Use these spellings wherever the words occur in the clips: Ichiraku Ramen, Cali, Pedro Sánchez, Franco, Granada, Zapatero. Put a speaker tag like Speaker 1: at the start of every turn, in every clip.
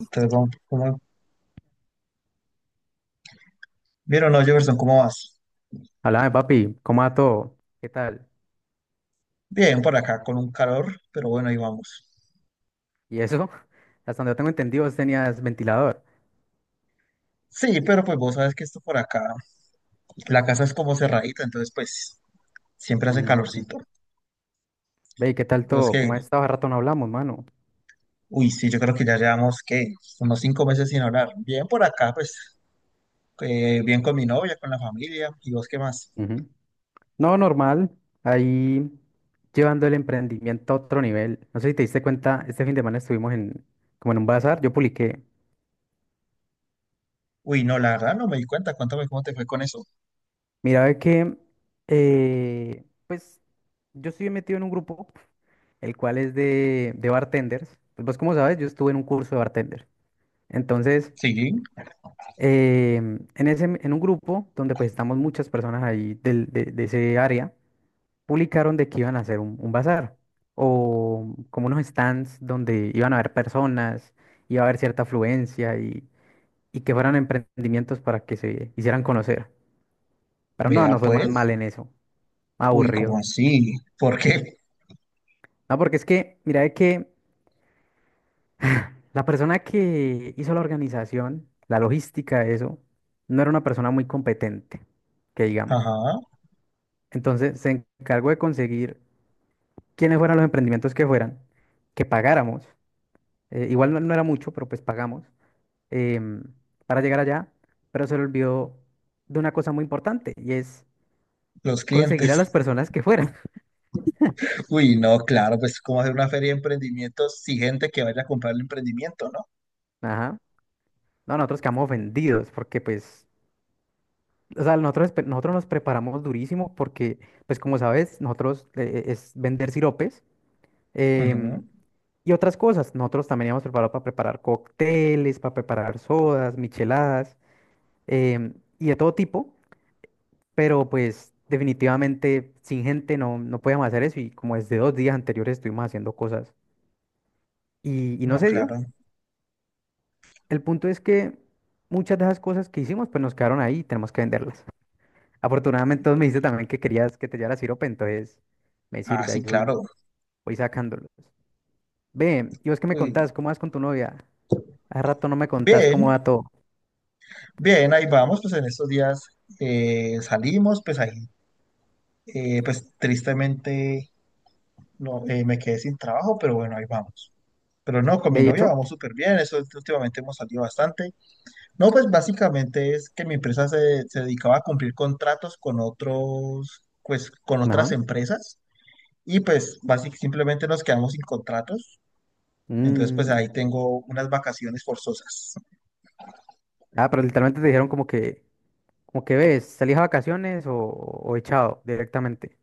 Speaker 1: Entonces, vamos, ¿Bien o no, Jefferson? ¿Cómo vas?
Speaker 2: Háblame, papi, ¿cómo va todo? ¿Qué tal?
Speaker 1: Bien, por acá, con un calor, pero bueno, ahí vamos.
Speaker 2: ¿Y eso? Hasta donde yo tengo entendido, vos tenías ventilador.
Speaker 1: Sí, pero pues vos sabes que esto por acá, la casa es como cerradita, entonces pues siempre hace
Speaker 2: Mm,
Speaker 1: calorcito.
Speaker 2: ve, ¿qué tal
Speaker 1: Yo es
Speaker 2: todo?
Speaker 1: que,
Speaker 2: ¿Cómo has estado? Hace rato no hablamos, mano.
Speaker 1: uy, sí, yo creo que ya llevamos, ¿qué? Unos 5 meses sin hablar. Bien por acá, pues, bien con mi novia, con la familia, ¿y vos qué más?
Speaker 2: Ujú. No, normal. Ahí llevando el emprendimiento a otro nivel. No sé si te diste cuenta, este fin de semana estuvimos en, como en un bazar, yo publiqué.
Speaker 1: Uy, no, la verdad no me di cuenta, cuéntame cómo te fue con eso.
Speaker 2: Mira, ve que, pues, yo estoy metido en un grupo, el cual es de bartenders. Pues vos como sabes, yo estuve en un curso de bartender. Entonces.
Speaker 1: Sí,
Speaker 2: En ese, en un grupo donde pues estamos muchas personas ahí de ese área, publicaron de que iban a hacer un bazar o como unos stands donde iban a haber personas, iba a haber cierta afluencia y que fueran emprendimientos para que se hicieran conocer. Pero no,
Speaker 1: vea
Speaker 2: no fue más mal
Speaker 1: pues.
Speaker 2: en eso,
Speaker 1: Uy,
Speaker 2: aburrido.
Speaker 1: ¿cómo así? ¿Por qué?
Speaker 2: No, porque es que, mira, de que la persona que hizo la organización, la logística de eso, no era una persona muy competente, que digamos.
Speaker 1: Ajá,
Speaker 2: Entonces se encargó de conseguir quiénes fueran los emprendimientos que fueran, que pagáramos. Igual no, no era mucho, pero pues pagamos em, para llegar allá. Pero se le olvidó de una cosa muy importante y es
Speaker 1: los
Speaker 2: conseguir a
Speaker 1: clientes.
Speaker 2: las personas que fueran.
Speaker 1: Uy, no, claro, pues cómo hacer una feria de emprendimientos sin gente que vaya a comprar el emprendimiento, ¿no?
Speaker 2: Ajá. No, nosotros quedamos ofendidos porque pues, o sea, nosotros, nosotros nos preparamos durísimo porque, pues como sabes, nosotros es vender siropes.
Speaker 1: Ujú.
Speaker 2: em, y otras cosas. Nosotros también íbamos preparados para preparar cócteles, para preparar sodas, micheladas. em, y de todo tipo, pero pues definitivamente sin gente no podíamos hacer eso y como desde 2 días anteriores estuvimos haciendo cosas y no
Speaker 1: No,
Speaker 2: se dio.
Speaker 1: claro.
Speaker 2: El punto es que muchas de esas cosas que hicimos pues nos quedaron ahí y tenemos que venderlas. Afortunadamente vos me dijiste también que querías que te llevara sirope, entonces me
Speaker 1: Ah,
Speaker 2: sirve, ahí
Speaker 1: sí,
Speaker 2: voy,
Speaker 1: claro.
Speaker 2: voy sacándolos. Ve, ¿y vos qué me
Speaker 1: Uy,
Speaker 2: contás? ¿Cómo vas con tu novia? Hace rato no me contás
Speaker 1: bien,
Speaker 2: cómo va todo.
Speaker 1: bien, ahí vamos, pues en estos días salimos, pues ahí, pues tristemente no, me quedé sin trabajo, pero bueno, ahí vamos. Pero no, con mi
Speaker 2: ¿Ve y
Speaker 1: novia
Speaker 2: eso?
Speaker 1: vamos súper bien, eso últimamente hemos salido bastante. No, pues básicamente es que mi empresa se dedicaba a cumplir contratos con otros, pues con otras
Speaker 2: Ajá.
Speaker 1: empresas. Y pues básicamente simplemente nos quedamos sin contratos. Entonces pues
Speaker 2: Mm.
Speaker 1: ahí tengo unas vacaciones forzosas.
Speaker 2: Ah, pero literalmente te dijeron como que... Como que ves, ¿salís a vacaciones o echado directamente?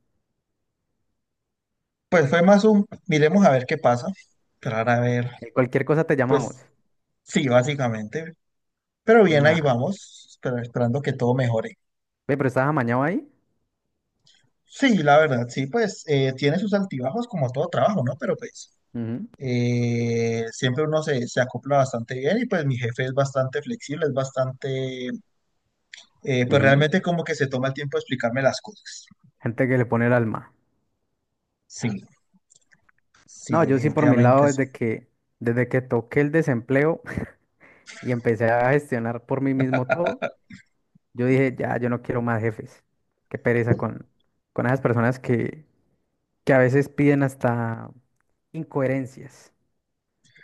Speaker 1: Pues fue más un, miremos a ver qué pasa. Esperar a ver,
Speaker 2: Cualquier cosa te llamamos.
Speaker 1: pues sí, básicamente. Pero bien, ahí
Speaker 2: Nada.
Speaker 1: vamos, esperando que todo mejore.
Speaker 2: Ve, pero estás amañado ahí.
Speaker 1: Sí, la verdad, sí, pues tiene sus altibajos como todo trabajo, ¿no? Pero pues
Speaker 2: Ujú,
Speaker 1: siempre uno se, se acopla bastante bien y pues mi jefe es bastante flexible, es bastante, pues
Speaker 2: ujú.
Speaker 1: realmente como que se toma el tiempo de explicarme las cosas.
Speaker 2: Gente que le pone el alma.
Speaker 1: Sí, sí,
Speaker 2: No, yo sí por mi lado,
Speaker 1: definitivamente sí.
Speaker 2: desde que toqué el desempleo y empecé a gestionar por mí mismo todo, yo dije, ya, yo no quiero más jefes. Qué pereza con esas personas que a veces piden hasta incoherencias.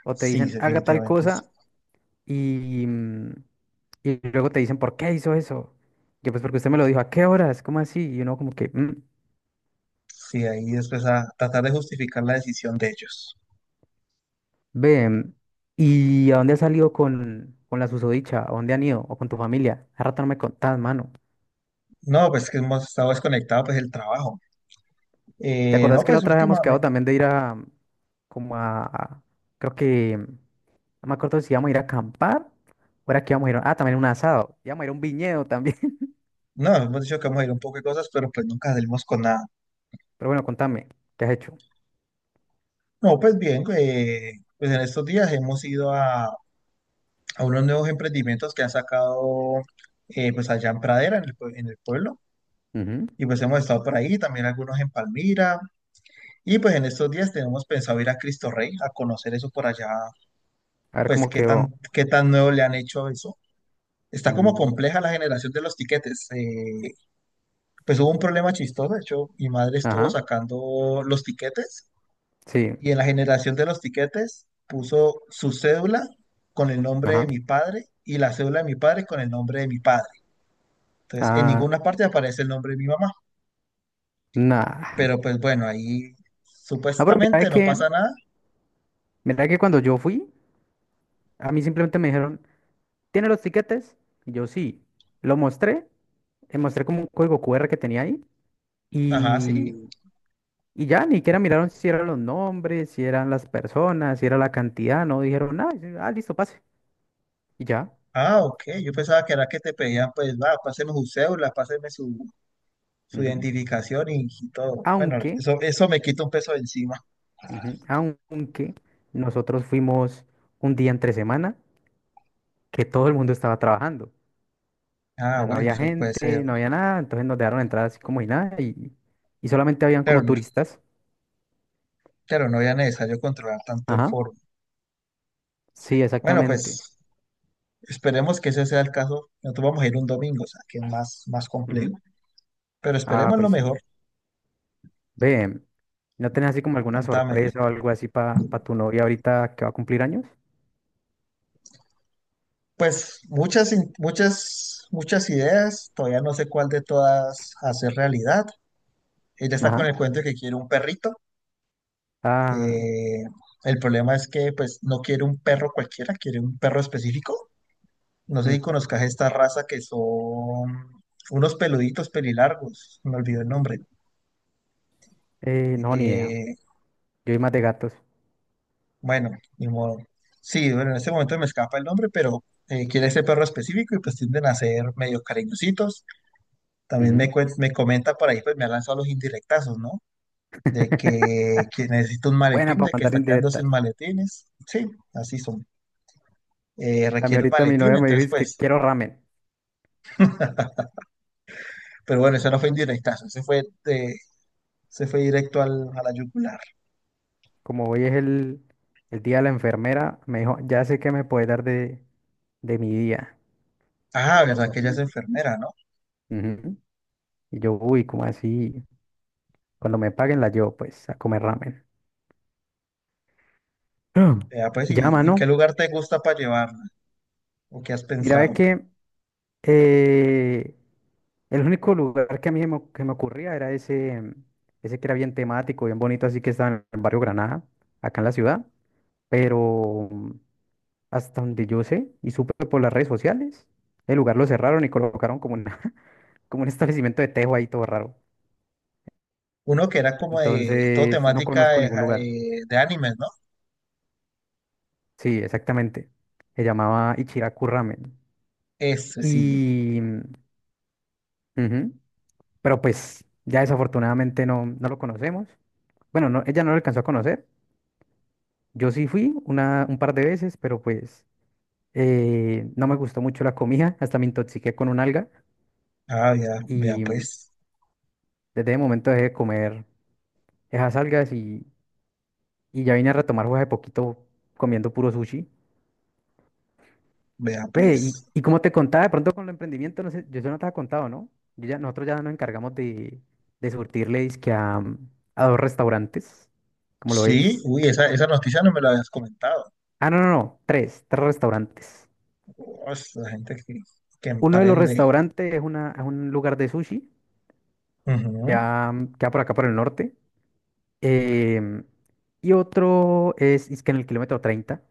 Speaker 2: O te
Speaker 1: Sí, sí,
Speaker 2: dicen, haga tal
Speaker 1: definitivamente. Sí,
Speaker 2: cosa y, mm, y luego te dicen, ¿por qué hizo eso? Yo, pues porque usted me lo dijo, ¿a qué horas? ¿Cómo así? Y uno como que, "Mm".
Speaker 1: sí, ahí después a tratar de justificar la decisión de ellos.
Speaker 2: Ve, ¿y a dónde has salido con la susodicha? ¿A dónde han ido? ¿O con tu familia? A rato no me contás, mano.
Speaker 1: No, pues que hemos estado desconectados, pues el trabajo.
Speaker 2: ¿Te
Speaker 1: No,
Speaker 2: acordás que la
Speaker 1: pues
Speaker 2: otra vez habíamos quedado
Speaker 1: últimamente,
Speaker 2: también de ir a, como a, creo que, no me acuerdo si íbamos a ir a acampar o era que íbamos a ir, también un asado, íbamos a ir a un viñedo también?
Speaker 1: no, hemos dicho que vamos a ir a un poco de cosas, pero pues nunca salimos con nada.
Speaker 2: Pero bueno, contame, ¿qué has hecho?
Speaker 1: No, pues bien, pues en estos días hemos ido a unos nuevos emprendimientos que han sacado pues allá en Pradera, en en el pueblo.
Speaker 2: Ujú.
Speaker 1: Y pues hemos estado por ahí, también algunos en Palmira. Y pues en estos días tenemos pensado ir a Cristo Rey a conocer eso por allá
Speaker 2: A ver
Speaker 1: pues
Speaker 2: cómo quedó.
Speaker 1: qué tan nuevo le han hecho eso. Está como
Speaker 2: Mm.
Speaker 1: compleja la generación de los tiquetes. Pues hubo un problema chistoso, de hecho, mi madre estuvo
Speaker 2: Ajá,
Speaker 1: sacando los tiquetes
Speaker 2: sí,
Speaker 1: y en la generación de los tiquetes puso su cédula con el nombre de
Speaker 2: ajá.
Speaker 1: mi padre y la cédula de mi padre con el nombre de mi padre. Entonces, en
Speaker 2: Ah,
Speaker 1: ninguna parte aparece el nombre de mi mamá,
Speaker 2: nada.
Speaker 1: pero pues bueno, ahí
Speaker 2: No, pero mira
Speaker 1: supuestamente no
Speaker 2: que,
Speaker 1: pasa nada.
Speaker 2: mira que cuando yo fui, a mí simplemente me dijeron, ¿tiene los tiquetes? Y yo sí. Lo mostré, le mostré como un código QR que tenía ahí
Speaker 1: Ajá, sí.
Speaker 2: y, y ya, ni siquiera miraron si eran los nombres, si eran las personas, si era la cantidad, no dijeron nada. Dijeron, ah, listo, pase. Y ya.
Speaker 1: Ah, ok. Yo pensaba que era que te pedían, pues, va, páseme su cédula, páseme su, su
Speaker 2: Ujú.
Speaker 1: identificación y todo. Bueno,
Speaker 2: Aunque,
Speaker 1: eso me quita un peso de encima.
Speaker 2: ujú, aunque nosotros fuimos un día entre semana que todo el mundo estaba trabajando.
Speaker 1: Ah,
Speaker 2: Sea, no
Speaker 1: bueno,
Speaker 2: había
Speaker 1: eso puede ser.
Speaker 2: gente, no había nada, entonces nos dejaron entrar así como y nada y solamente habían
Speaker 1: Pero,
Speaker 2: como turistas.
Speaker 1: pero no era necesario controlar tanto el
Speaker 2: Ajá,
Speaker 1: foro.
Speaker 2: sí,
Speaker 1: Bueno,
Speaker 2: exactamente.
Speaker 1: pues esperemos que ese sea el caso. Nosotros vamos a ir un domingo, o sea, que es más, más
Speaker 2: Ujú.
Speaker 1: complejo. Pero
Speaker 2: Ah,
Speaker 1: esperemos lo
Speaker 2: pues sí.
Speaker 1: mejor.
Speaker 2: Ve, ¿no tenés así como alguna
Speaker 1: Contame.
Speaker 2: sorpresa o algo así para tu novia ahorita que va a cumplir años?
Speaker 1: Pues muchas, muchas ideas. Todavía no sé cuál de todas hacer realidad. Ella está con
Speaker 2: Ajá.
Speaker 1: el cuento de que quiere un perrito.
Speaker 2: Ah,
Speaker 1: Eh, el problema es que pues no quiere un perro cualquiera, quiere un perro específico. No sé si
Speaker 2: mm,
Speaker 1: conozcas esta raza que son unos peluditos pelilargos. Me olvidó el nombre.
Speaker 2: no, ni idea.
Speaker 1: Eh,
Speaker 2: Yo soy más de gatos.
Speaker 1: bueno, ni modo. Sí, bueno, en este momento me escapa el nombre, pero quiere ese perro específico y pues tienden a ser medio cariñositos. También
Speaker 2: Ujú.
Speaker 1: me comenta por ahí, pues me ha lanzado los indirectazos, ¿no? De que necesita un
Speaker 2: Buena
Speaker 1: maletín,
Speaker 2: para
Speaker 1: de que
Speaker 2: mandar
Speaker 1: está quedando sin
Speaker 2: indirectas.
Speaker 1: maletines. Sí, así son.
Speaker 2: A mí
Speaker 1: Requiere un
Speaker 2: ahorita mi
Speaker 1: maletín,
Speaker 2: novia me dijo,
Speaker 1: entonces
Speaker 2: es que
Speaker 1: pues.
Speaker 2: quiero ramen.
Speaker 1: Pero bueno, eso no fue indirectazo, ese fue directo al, a la yugular.
Speaker 2: Como hoy es el día de la enfermera, me dijo, ya sé qué me puede dar de mi día.
Speaker 1: Ah, verdad
Speaker 2: Yo,
Speaker 1: que ella es
Speaker 2: "Mm".
Speaker 1: enfermera, ¿no?
Speaker 2: Ujú. Y yo, uy, ¿cómo así? Cuando me paguen la llevo pues a comer ramen. Ah.
Speaker 1: Ya, pues,
Speaker 2: Y ya,
Speaker 1: y qué
Speaker 2: mano,
Speaker 1: lugar te gusta para llevarla? ¿O qué has
Speaker 2: mira, es
Speaker 1: pensado?
Speaker 2: que eh, el único lugar que a mí que me ocurría era ese, ese que era bien temático, bien bonito, así que estaba en el barrio Granada, acá en la ciudad, pero hasta donde yo sé y supe por las redes sociales, el lugar lo cerraron y colocaron como una, como un establecimiento de tejo ahí todo raro.
Speaker 1: Uno que era como de todo
Speaker 2: Entonces, no
Speaker 1: temática
Speaker 2: conozco ningún lugar.
Speaker 1: de animes, ¿no?
Speaker 2: Sí, exactamente. Se llamaba Ichiraku Ramen.
Speaker 1: Ese sí.
Speaker 2: Y, ujú. Pero pues ya desafortunadamente no lo conocemos. Bueno, no, ella no lo alcanzó a conocer. Yo sí fui una, un par de veces, pero pues no me gustó mucho la comida. Hasta me intoxiqué con un alga.
Speaker 1: Ah, ya, vea
Speaker 2: Y
Speaker 1: pues,
Speaker 2: desde ese momento dejé de comer esas algas y ya vine a retomar fue hace poquito comiendo puro sushi.
Speaker 1: vea
Speaker 2: Ve, y,
Speaker 1: pues.
Speaker 2: y como te contaba, de pronto con el emprendimiento, no sé, yo eso no te había contado, ¿no? Yo ya, nosotros ya nos encargamos de surtirle dizque a dos restaurantes, ¿cómo lo
Speaker 1: Sí,
Speaker 2: ves?
Speaker 1: uy, esa noticia no me la habías comentado.
Speaker 2: Ah, no, no, no, tres, tres restaurantes.
Speaker 1: Uf, la gente que
Speaker 2: Uno de los
Speaker 1: emprende.
Speaker 2: restaurantes es, una, es un lugar de sushi,
Speaker 1: Ujú.
Speaker 2: ya queda por acá por el norte. em, y otro es que en el kilómetro 30.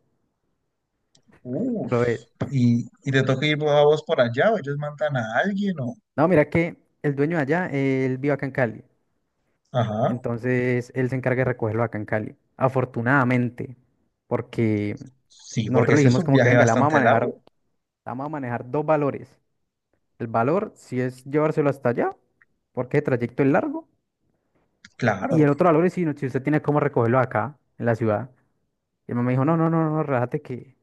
Speaker 2: ¿Cómo
Speaker 1: Uf,
Speaker 2: lo ves?
Speaker 1: y te toca ir vos a vos por allá, o ellos mandan a alguien, o.
Speaker 2: No, mira que el dueño de allá, él vive acá en Cali.
Speaker 1: Ajá.
Speaker 2: Entonces él se encarga de recogerlo acá en Cali. Afortunadamente, porque
Speaker 1: Sí, porque
Speaker 2: nosotros le
Speaker 1: ese es
Speaker 2: dijimos
Speaker 1: un
Speaker 2: como que
Speaker 1: viaje
Speaker 2: venga, le vamos a
Speaker 1: bastante largo.
Speaker 2: manejar, le vamos a manejar dos valores. El valor si es llevárselo hasta allá, porque el trayecto es largo. Y
Speaker 1: Claro.
Speaker 2: el otro valor es si usted tiene cómo recogerlo acá, en la ciudad. Y el mamá me dijo, no, no, no, no, relájate que,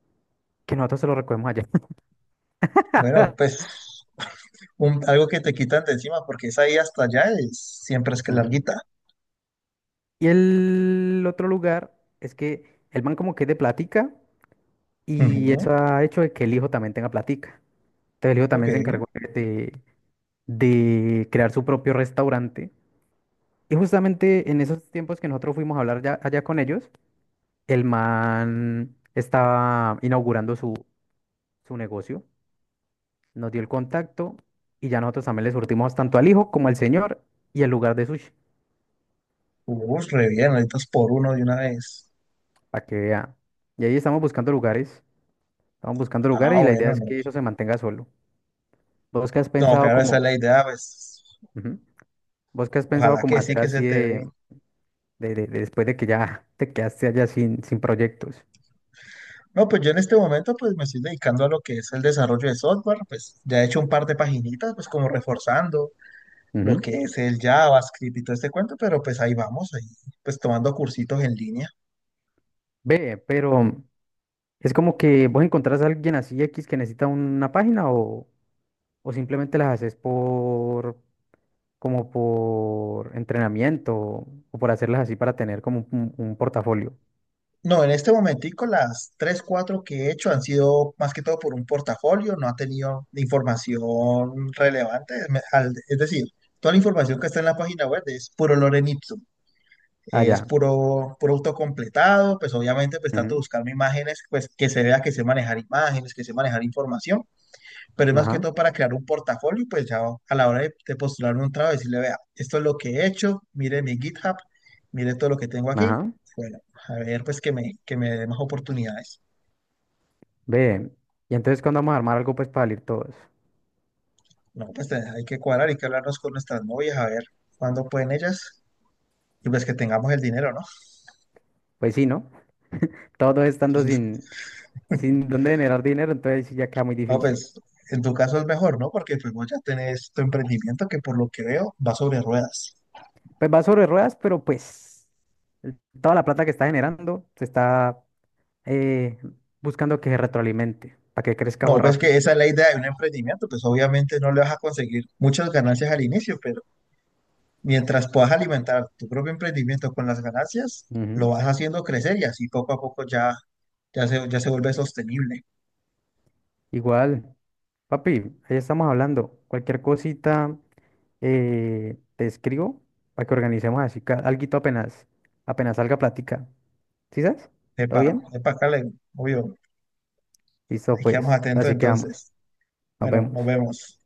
Speaker 2: nosotros se lo recogemos allá.
Speaker 1: Bueno, pues. Un- algo que te quitan de encima, porque esa ahí hasta allá es, siempre es que
Speaker 2: Ujú.
Speaker 1: larguita.
Speaker 2: Y el otro lugar es que el man como que es de platica y
Speaker 1: Ujú.
Speaker 2: eso ha hecho de que el hijo también tenga platica. Entonces el hijo
Speaker 1: Ok.
Speaker 2: también se encargó de, de crear su propio restaurante. Y justamente en esos tiempos que nosotros fuimos a hablar allá con ellos, el man estaba inaugurando su, su negocio, nos dio el contacto y ya nosotros también le surtimos tanto al hijo como al señor y el lugar de sushi,
Speaker 1: Uf, re bien, ahorita es por uno de una vez.
Speaker 2: para que vea. Y ahí estamos buscando
Speaker 1: Ah,
Speaker 2: lugares y la idea
Speaker 1: bueno,
Speaker 2: es
Speaker 1: no.
Speaker 2: que eso se mantenga solo. ¿Vos qué has
Speaker 1: No,
Speaker 2: pensado
Speaker 1: claro, esa es
Speaker 2: como,
Speaker 1: la idea, pues
Speaker 2: ujú, vos qué has pensado
Speaker 1: ojalá
Speaker 2: como
Speaker 1: que sí
Speaker 2: hacer
Speaker 1: que se
Speaker 2: así
Speaker 1: te dé.
Speaker 2: de después de que ya te quedaste allá sin proyectos?
Speaker 1: No, pues yo en este momento pues me estoy dedicando a lo que es el desarrollo de software, pues ya he hecho un par de paginitas, pues como reforzando lo que es el JavaScript y todo este cuento, pero pues ahí vamos, ahí pues tomando cursitos en línea.
Speaker 2: Ve, pero es como que vos encontrás a alguien así X que necesita una página o simplemente las haces por como por entrenamiento o por hacerlas así para tener como un portafolio.
Speaker 1: No, en este momentico las tres, cuatro que he hecho han sido más que todo por un portafolio, no ha tenido información relevante. Es decir, toda la información que está en la página web es puro lorem ipsum, es
Speaker 2: Allá.
Speaker 1: puro, puro autocompletado, pues obviamente pues trato de buscarme imágenes, pues que se vea que sé manejar imágenes, que sé manejar información, pero es más que
Speaker 2: Ajá,
Speaker 1: todo para crear un portafolio, pues ya a la hora de postularme un trabajo, decirle, vea, esto es lo que he hecho, mire mi GitHub, mire todo lo que tengo aquí,
Speaker 2: ajá.
Speaker 1: bueno, a ver, pues que me dé más oportunidades.
Speaker 2: Ve. Y entonces cuando vamos a armar algo pues para salir todos.
Speaker 1: No, pues hay que cuadrar, hay que hablarnos con nuestras novias, a ver cuándo pueden ellas, y pues que tengamos el dinero, ¿no?
Speaker 2: Pues sí, ¿no? Todos estando
Speaker 1: Entonces,
Speaker 2: sin dónde generar dinero, entonces sí ya queda muy
Speaker 1: no,
Speaker 2: difícil.
Speaker 1: pues en tu caso es mejor, ¿no? Porque pues vos ya tenés tu emprendimiento que por lo que veo va sobre ruedas.
Speaker 2: Pues va sobre ruedas, pero pues toda la plata que está generando se está eh, buscando que se retroalimente, para que crezca o
Speaker 1: No, pues que
Speaker 2: rápido.
Speaker 1: esa es la idea de un emprendimiento, pues obviamente no le vas a conseguir muchas ganancias al inicio, pero mientras puedas alimentar tu propio emprendimiento con las ganancias, lo
Speaker 2: Ujú.
Speaker 1: vas haciendo crecer y así poco a poco ya, ya se vuelve sostenible.
Speaker 2: Igual, papi, ahí estamos hablando. Cualquier cosita te escribo para que organicemos así, alguito apenas, salga plática. ¿Sí sabes? ¿Todo
Speaker 1: Epa,
Speaker 2: bien?
Speaker 1: epa, Cale, obvio,
Speaker 2: Listo,
Speaker 1: ahí quedamos
Speaker 2: pues.
Speaker 1: atentos
Speaker 2: Así que vamos.
Speaker 1: entonces.
Speaker 2: Nos
Speaker 1: Bueno,
Speaker 2: vemos.
Speaker 1: nos vemos.